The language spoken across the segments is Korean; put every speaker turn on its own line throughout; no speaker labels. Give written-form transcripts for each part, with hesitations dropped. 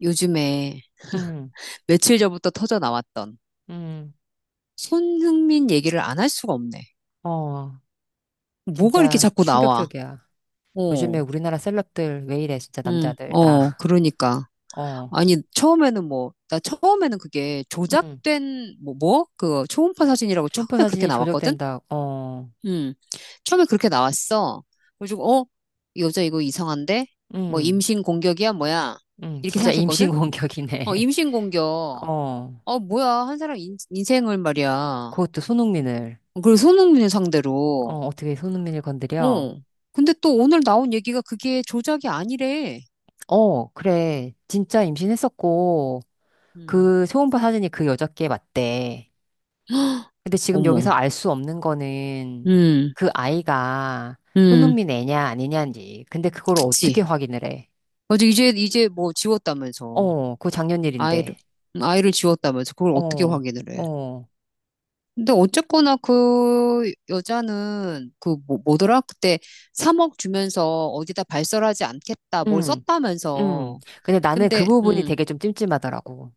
요즘에
음,
며칠 전부터 터져 나왔던
음.
손흥민 얘기를 안 할 수가 없네.
어,
뭐가 이렇게
진짜
자꾸 나와?
충격적이야. 요즘에
어,
우리나라 셀럽들 왜 이래, 진짜
응,
남자들, 다.
어, 그러니까.
어,
아니, 처음에는 뭐, 나 처음에는 그게
음.
조작된, 뭐? 그 초음파 사진이라고
흉포
처음에 그렇게
사진이
나왔거든?
조작된다. 어,
응, 처음에 그렇게 나왔어. 그래가지고, 어, 이 여자 이거 이상한데? 뭐,
음,
임신 공격이야, 뭐야? 이렇게
진짜 임신
생각했거든?
공격이네.
어, 임신 공격.
어,
어, 뭐야. 한 사람 인생을 말이야.
그것도 손흥민을.
그리고 손흥민 상대로.
어, 어떻게 손흥민을 건드려?
어, 근데 또 오늘 나온 얘기가 그게 조작이 아니래.
어, 그래. 진짜 임신했었고,
음,
그 초음파 사진이 그 여자께 맞대. 근데 지금
어머,
여기서 알 수 없는 거는
음,
그 아이가
음,
손흥민 애냐 아니냐인지. 근데 그걸 어떻게
그치?
확인을 해?
맞아, 이제 뭐 지웠다면서.
어, 그거 작년
아이를,
일인데.
아이를 지웠다면서. 그걸 어떻게
어,
확인을 해?
어,
근데 어쨌거나 그 여자는 그 뭐, 뭐더라? 그때 3억 주면서 어디다 발설하지 않겠다. 뭘
음, 음.
썼다면서.
근데 나는 그
근데
부분이 되게 좀 찜찜하더라고.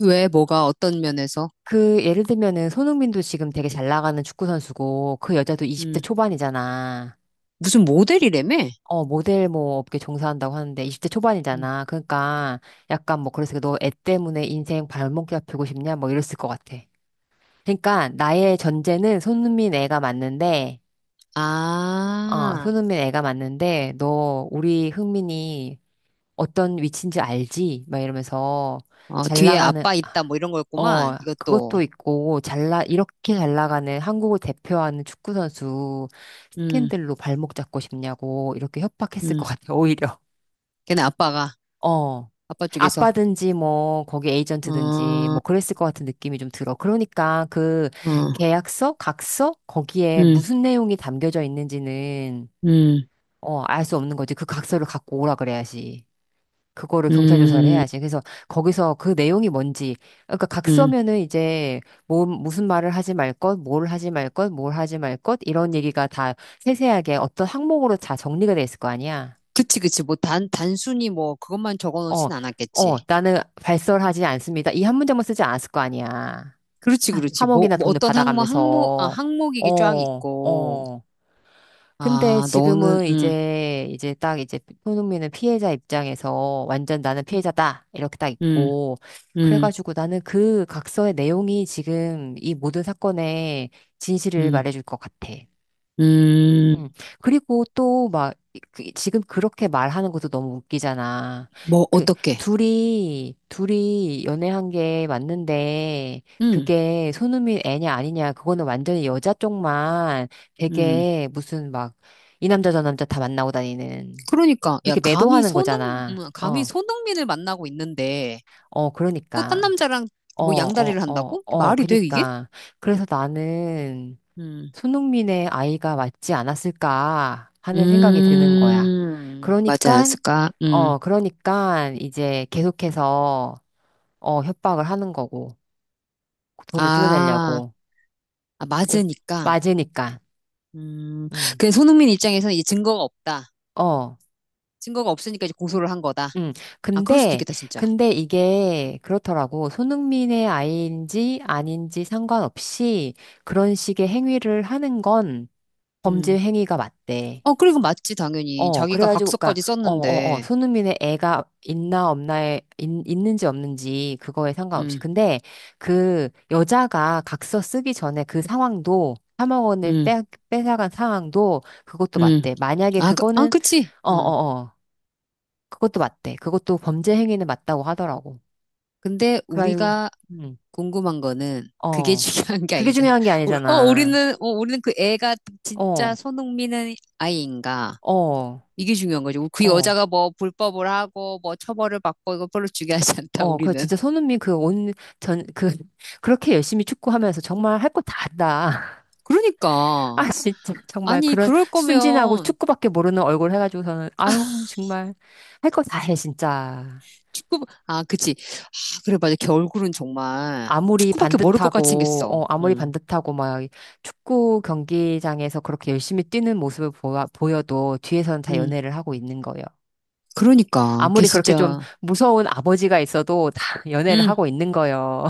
왜 뭐가 어떤 면에서?
그 예를 들면은 손흥민도 지금 되게 잘 나가는 축구 선수고 그 여자도 20대
음,
초반이잖아.
무슨 모델이라며?
어, 모델 뭐 업계 종사한다고 하는데 20대
음.
초반이잖아. 그러니까 약간 뭐 그래서 너 애 때문에 인생 발목 잡히고 싶냐 뭐 이랬을 것 같아. 그러니까 나의 전제는 손흥민 애가 맞는데, 어,
아.
손흥민 애가 맞는데, 너 우리 흥민이 어떤 위치인지 알지? 막 이러면서
어,
잘
뒤에
나가는,
아빠 있다 뭐 이런
어,
거였구만.
그것도
이것도.
있고, 이렇게 잘 나가는 한국을 대표하는 축구선수
음,
스캔들로 발목 잡고 싶냐고 이렇게 협박했을 것
음.
같아, 오히려.
걔네 아빠가
어.
아빠 쪽에서.
아빠든지 뭐 거기
어,
에이전트든지
어,
뭐 그랬을 것 같은 느낌이 좀 들어. 그러니까 그 계약서, 각서 거기에
음,
무슨 내용이 담겨져 있는지는
음,
알 수 없는 거지. 그 각서를 갖고 오라 그래야지. 그거를 경찰 조사를
음,
해야지. 그래서 거기서 그 내용이 뭔지. 그러니까
음.
각서면은 이제 뭐 무슨 말을 하지 말 것, 뭘 하지 말 것, 뭘 하지 말 것 이런 얘기가 다 세세하게 어떤 항목으로 다 정리가 돼 있을 거 아니야.
그치, 그치. 뭐 단순히 뭐 그것만 적어
어,
놓진 않았겠지.
어, 나는 발설하지 않습니다. 이 한 문장만 쓰지 않았을 거 아니야.
그렇지, 그렇지.
삼억이
뭐,
나
뭐
돈을
어떤 항목, 항목, 아,
받아가면서.
항목이 게쫙
어,
있고.
어. 근데
아, 너는,
지금은 이제 딱 이제 손흥민은 피해자 입장에서 완전 나는 피해자다. 이렇게 딱
음,
있고.
음,
그래가지고 나는 그 각서의 내용이 지금 이 모든 사건의 진실을
음,
말해줄 것 같아.
음.
음. 그리고 또 막, 지금 그렇게 말하는 것도 너무 웃기잖아.
뭐
그,
어떻게?
둘이 연애한 게 맞는데,
음,
그게 손흥민 애냐 아니냐, 그거는 완전히 여자 쪽만
음.
되게 무슨 막, 이 남자 저 남자 다 만나고 다니는,
그러니까 야
그렇게 매도하는 거잖아.
감히
어,
손흥민을 만나고 있는데
어,
또 딴
그러니까.
남자랑
어,
뭐
어,
양다리를
어,
한다고?
어,
말이 돼, 이게?
그니까. 그래서 나는,
음,
손흥민의 아이가 맞지 않았을까 하는 생각이 드는 거야.
맞지
그러니까,
않았을까?
그러니까 이제 계속해서, 협박을 하는 거고, 돈을
아,
뜯어내려고.
아,
오.
맞으니까.
맞으니까.
음,
음
그 손흥민 입장에서는 이제 증거가 없다.
어.
증거가 없으니까 이제 고소를 한 거다.
음
아, 그럴 수도
근데,
있겠다, 진짜.
근데 이게 그렇더라고. 손흥민의 아이인지 아닌지 상관없이 그런 식의 행위를 하는 건 범죄
음,
행위가 맞대.
어, 그리고 맞지, 당연히.
어,
자기가
그래가지고, 그니까,
각서까지
어, 어, 어,
썼는데.
손흥민의 애가 있나 없나에, 있는지 없는지, 그거에 상관없이.
음,
근데, 그, 여자가 각서 쓰기 전에 그 상황도, 3억 원을
음,
뺏어간 상황도, 그것도
음.
맞대. 만약에
아, 그, 아,
그거는,
그치.
어,
음.
어, 어, 그것도 맞대. 그것도 범죄 행위는 맞다고 하더라고.
근데
그래가지고,
우리가
음,
궁금한 거는 그게
어.
중요한 게
그게
아니잖아.
중요한 게 아니잖아.
우리는, 우리는 그 애가 진짜
어,
손흥민은 아이인가?
어,
이게 중요한 거죠. 그
어.
여자가 뭐 불법을 하고 뭐 처벌을 받고 이거 별로 중요하지 않다,
어, 그
우리는.
진짜 손흥민 그 전, 그, 그렇게 열심히 축구하면서 정말 할 거 다 한다.
그러니까.
아, 진짜. 정말
아니,
그런
그럴
순진하고
거면
축구밖에 모르는 얼굴 해가지고서는, 아유, 정말 할 거 다 해, 진짜.
아, 그치. 아, 그래, 맞아. 걔 얼굴은 정말
아무리
축구밖에 모를 것 같이
반듯하고,
생겼어.
어, 아무리
응,
반듯하고, 막, 축구 경기장에서 그렇게 열심히 뛰는 모습을 보여도 뒤에서는 다
응.
연애를 하고 있는 거예요.
그러니까. 걔
아무리 그렇게 좀
진짜,
무서운 아버지가 있어도 다 연애를
응.
하고 있는 거예요.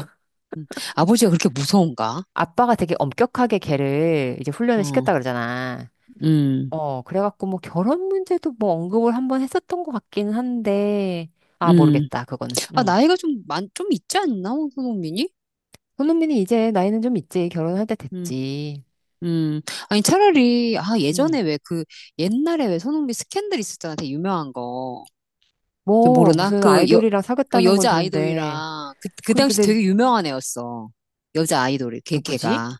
응. 아버지가 그렇게 무서운가?
아빠가 되게 엄격하게 걔를 이제 훈련을
어,
시켰다 그러잖아.
응,
어, 그래갖고 뭐 결혼 문제도 뭐 언급을 한번 했었던 것 같긴 한데, 아,
응.
모르겠다, 그거는.
아,
응.
나이가 좀 있지 않나, 손흥민이?
손흥민이 이제 나이는 좀 있지. 결혼할 때
음,
됐지.
음. 아니,
응.
예전에 왜 그, 옛날에 왜 손흥민 스캔들 있었잖아, 되게 유명한 거. 저
뭐,
모르나?
무슨 아이돌이랑 사귀었다는 건
여자
들은데,
아이돌이랑, 그
그,
당시
근데
되게 유명한 애였어. 여자 아이돌이,
누구지?
걔가.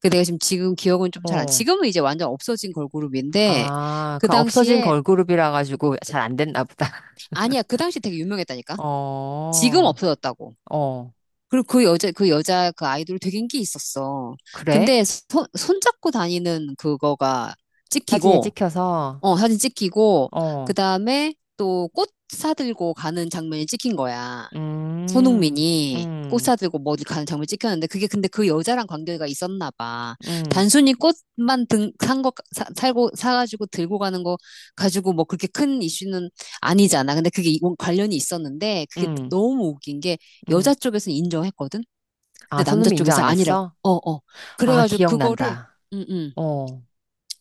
그 내가 지금 기억은 좀 잘 안,
어,
지금은 이제 완전 없어진 걸그룹인데,
아,
그
그 없어진
당시에,
걸그룹이라 가지고 잘 안 됐나 보다.
아니야, 그 당시 되게 유명했다니까? 지금
어,
없어졌다고.
어,
그리고 그 여자, 그 아이돌 되게 인기 있었어.
그래?
근데 손잡고 다니는 그거가
사진에
찍히고,
찍혀서,
어, 사진 찍히고, 그
어,
다음에 또 꽃 사들고 가는 장면이 찍힌 거야.
음,
손흥민이 꽃
음.
사들고 뭐 어디 가는 장면 찍혔는데, 그게 근데 그 여자랑 관계가 있었나 봐.
응,
단순히 꽃만 등, 산 거, 사, 살고, 사가지고 들고 가는 거 가지고 뭐 그렇게 큰 이슈는 아니잖아. 근데 그게 관련이 있었는데, 그게
응,
너무 웃긴 게
응.
여자 쪽에서는 인정했거든?
아,
근데 남자
손흥민 인정
쪽에서
안
아니라고.
했어?
어, 어.
아,
그래가지고 그거를,
기억난다.
음, 음.
어,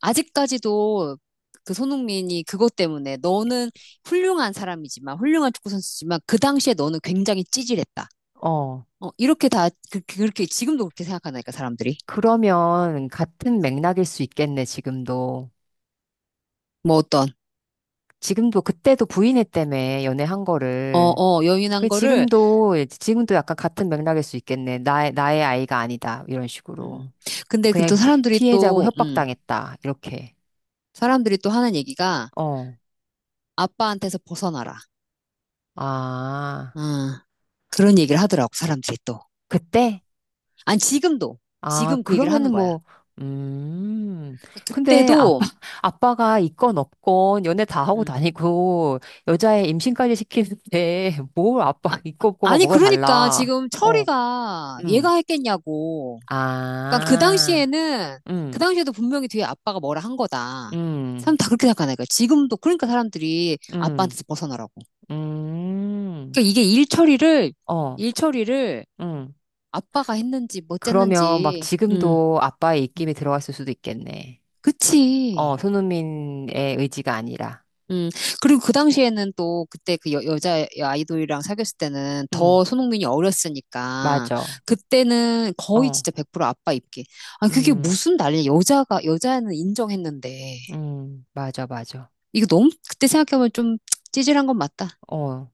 아직까지도 그 손흥민이 그것 때문에 너는 훌륭한 사람이지만, 훌륭한 축구 선수지만, 그 당시에 너는 굉장히 찌질했다.
어.
어, 이렇게 다, 그렇게, 지금도 그렇게 생각하니까, 사람들이.
그러면 같은 맥락일 수 있겠네, 지금도.
뭐 어떤,
지금도 그때도 부인했다며, 연애한
어,
거를.
어, 여인한
그
거를,
지금도 약간 같은 맥락일 수 있겠네. 나의 아이가 아니다. 이런
음.
식으로.
근데 그
그냥
또 사람들이
피해자고
또,
협박당했다. 이렇게.
사람들이 또 하는 얘기가,
어.
아빠한테서 벗어나라.
아,
아, 그런 얘기를 하더라고, 사람들이 또.
그때?
아니, 지금도.
아,
지금 그 얘기를 하는
그러면은
거야.
뭐, 음,
그러니까
근데 아빠,
그때도
아빠가 있건 없건 연애 다 하고
음.
다니고 여자애 임신까지 시키는데 뭘
아,
아빠 있고 없고가
아니,
뭐가
그러니까
달라.
지금
어,
철이가
음,
얘가 했겠냐고. 그러니까 그
아,
당시에는, 그
음,
당시에도 분명히 뒤에 아빠가 뭐라 한 거다.
음,
사람 다 그렇게 생각하니까. 지금도, 그러니까 사람들이
음,
아빠한테서 벗어나라고.
음,
그러니까 이게 일처리를,
어,
일처리를
음.
아빠가 했는지, 못
그러면 막
했는지. 음.
지금도 아빠의 입김이 들어갔을 수도 있겠네. 어,
그치.
손흥민의 의지가 아니라.
음, 그리고 그 당시에는 또 그때 여자 아이돌이랑 사귀었을 때는
음,
더 손흥민이 어렸으니까
맞아.
그때는 거의
어,
진짜 100% 아빠 입기. 아, 그게
음.
무슨 난리야. 여자는 인정했는데.
맞아, 맞아.
이거 너무 그때 생각해보면 좀 찌질한 건 맞다.
어,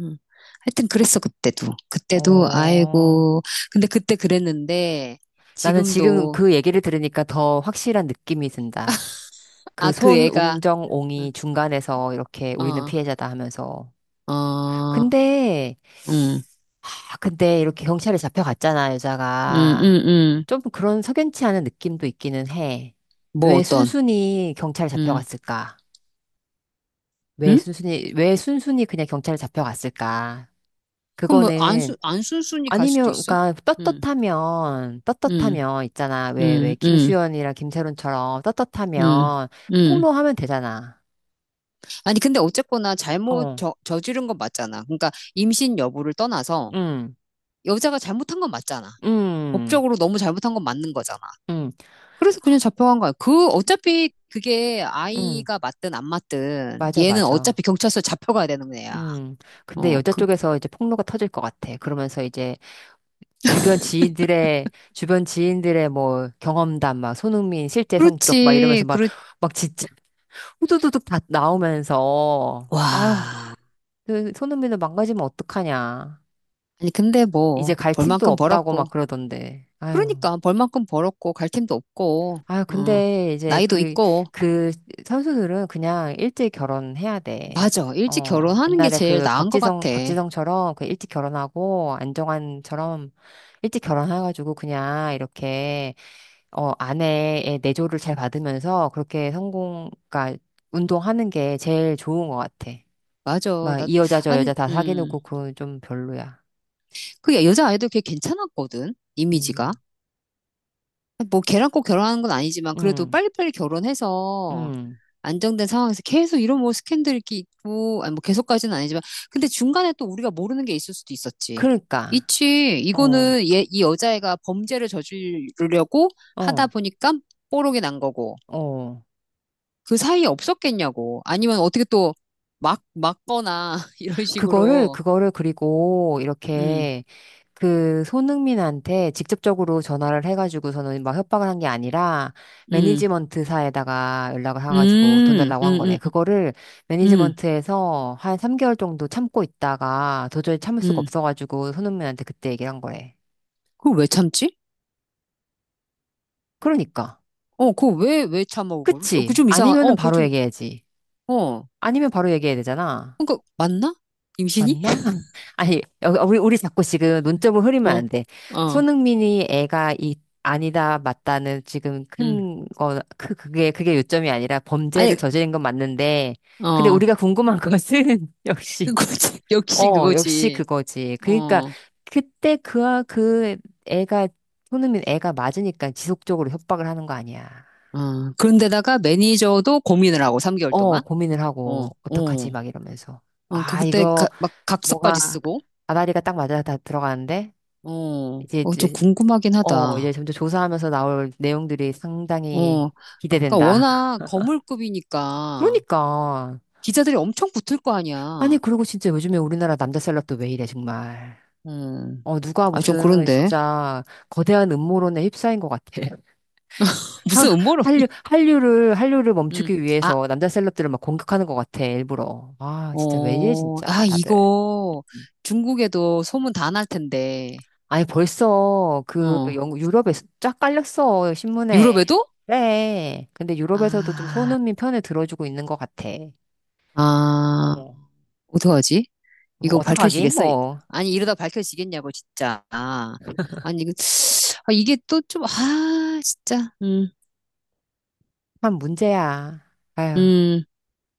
음. 하여튼 그랬어, 그때도. 그때도,
어.
아이고. 근데 그때 그랬는데
나는 지금
지금도,
그 얘기를 들으니까 더 확실한 느낌이 든다. 그
아, 그 애가,
손웅정옹이 중간에서 이렇게 우리는
어,
피해자다 하면서.
어,
근데,
음,
근데 이렇게 경찰에 잡혀갔잖아,
음,
여자가.
음, 음.
좀 그런 석연치 않은 느낌도 있기는 해.
뭐
왜
어떤,
순순히 경찰에
음.
잡혀갔을까? 왜
응?
순순히, 왜 순순히 그냥 경찰에 잡혀갔을까?
그럼 뭐
그거는
안순순이 갈
아니면,
수도 있어?
그러니까,
응,
떳떳하면,
응,
떳떳하면, 있잖아. 왜,
응, 응,
김수현이랑 김세론처럼
응,
떳떳하면,
응.
폭로하면 되잖아.
아니 근데 어쨌거나
어,
저지른 건 맞잖아. 그러니까 임신 여부를 떠나서
응,
여자가 잘못한 건 맞잖아.
응,
법적으로 너무 잘못한 건 맞는 거잖아.
응,
그래서 그냥 잡혀간 거야. 그 어차피 그게
응,
아이가 맞든 안 맞든
맞아,
얘는
맞아.
어차피 경찰서 잡혀가야 되는 애야.
음, 근데
어,
여자
그
쪽에서 이제 폭로가 터질 것 같아. 그러면서 이제 주변 지인들의, 주변 지인들의 뭐 경험담, 막 손흥민 실제 성격, 막 이러면서
그렇지,
막,
그렇.
막 진짜 후두두둑 다 나오면서, 아유,
와.
그 손흥민을 망가지면 어떡하냐.
아니 근데
이제
뭐
갈 팀도
벌만큼
없다고
벌었고.
막 그러던데. 아유.
그러니까 벌 만큼 벌었고 갈 팀도 없고
아유,
어,
근데 이제
나이도
그,
있고
그 선수들은 그냥 일찍 결혼해야 돼.
맞아 일찍
어,
결혼하는 게
옛날에
제일
그
나은 것
박지성,
같아
박지성처럼 그 일찍 결혼하고 안정환처럼 일찍 결혼해가지고 그냥 이렇게, 어, 아내의 내조를 잘 받으면서 그렇게 성공, 그러니까 운동하는 게 제일 좋은 것 같아.
맞아
막
나
이 여자 저
아니
여자 다 사귀는 거
음그
그건 좀 별로야.
여자 아이도 꽤 괜찮았거든 이미지가
음,
뭐 걔랑 꼭 결혼하는 건 아니지만 그래도
음,
빨리빨리 결혼해서
음.
안정된 상황에서 계속 이런 뭐 스캔들 이렇게 있고 아니 뭐 계속까지는 아니지만 근데 중간에 또 우리가 모르는 게 있을 수도 있었지
그러니까.
있지
어,
이거는 얘 이 여자애가 범죄를 저지르려고 하다
어,
보니까 뽀록이 난 거고
어.
그 사이에 없었겠냐고. 아니면 어떻게 또 막거나, 이런
그거를,
식으로.
그거를 그리고
음,
이렇게 그 손흥민한테 직접적으로 전화를 해가지고서는 막 협박을 한 게 아니라
음,
매니지먼트사에다가 연락을 해가지고 돈
음,
달라고 한
음,
거래.
음,
그거를
음,
매니지먼트에서 한 3개월 정도 참고 있다가 도저히 참을 수가
음.
없어가지고 손흥민한테 그때 얘기를 한 거래.
그걸 왜 참지?
그러니까.
어, 왜 참아, 그어 그거
그치?
좀 이상한,
아니면은
어, 그거
바로
좀,
얘기해야지.
어.
아니면 바로 얘기해야 되잖아.
그니까, 맞나? 임신이?
맞나? 아니, 어, 우리 자꾸 지금 논점을 흐리면
어,
안 돼.
어,
손흥민이 애가 아니다, 맞다는 지금
음.
큰 거, 그게 요점이 아니라 범죄를
아니,
저지른 건 맞는데, 근데
어.
우리가 궁금한 것은,
그거지.
역시,
역시
어, 역시
그거지.
그거지. 그러니까,
어,
그때 그, 그 애가, 손흥민 애가 맞으니까 지속적으로 협박을 하는 거 아니야.
어. 그런데다가 매니저도 고민을 하고, 3개월
어,
동안.
고민을
어,
하고, 어떡하지?
어.
막 이러면서.
어, 그
아, 이거,
막 각서까지
뭐가,
쓰고.
아다리가 딱 맞아 다 들어가는데?
어,
이제
어, 좀
이제
궁금하긴
이제
하다.
점점 조사하면서 나올 내용들이 상당히
어, 그러니까
기대된다.
워낙 거물급이니까
그러니까
기자들이 엄청 붙을 거
아니
아니야.
그리고 진짜 요즘에 우리나라 남자 셀럽도 왜 이래 정말.
음,
어 누가
아, 좀
무슨
그런데.
진짜 거대한 음모론에 휩싸인 것 같아. 한-
무슨
한류
음모론이?
한류를 한류를
음,
멈추기
아,
위해서 남자 셀럽들을 막 공격하는 것 같아 일부러. 아 진짜 왜 이래
어,
진짜
아,
다들.
이거 중국에도 소문 다 날 텐데.
아니 벌써 그
어,
유럽에 쫙 깔렸어 신문에.
유럽에도?
그래. 근데 유럽에서도 좀
아,
손흥민 편을 들어주고 있는 것 같아.
아,
어.
어떡하지?
뭐
이거
어떡하긴
밝혀지겠어?
뭐
아니, 이러다 밝혀지겠냐고, 진짜. 아, 아니, 이거, 아, 이게 또 좀, 아, 진짜. 음.
한 문제야. 아휴.
음,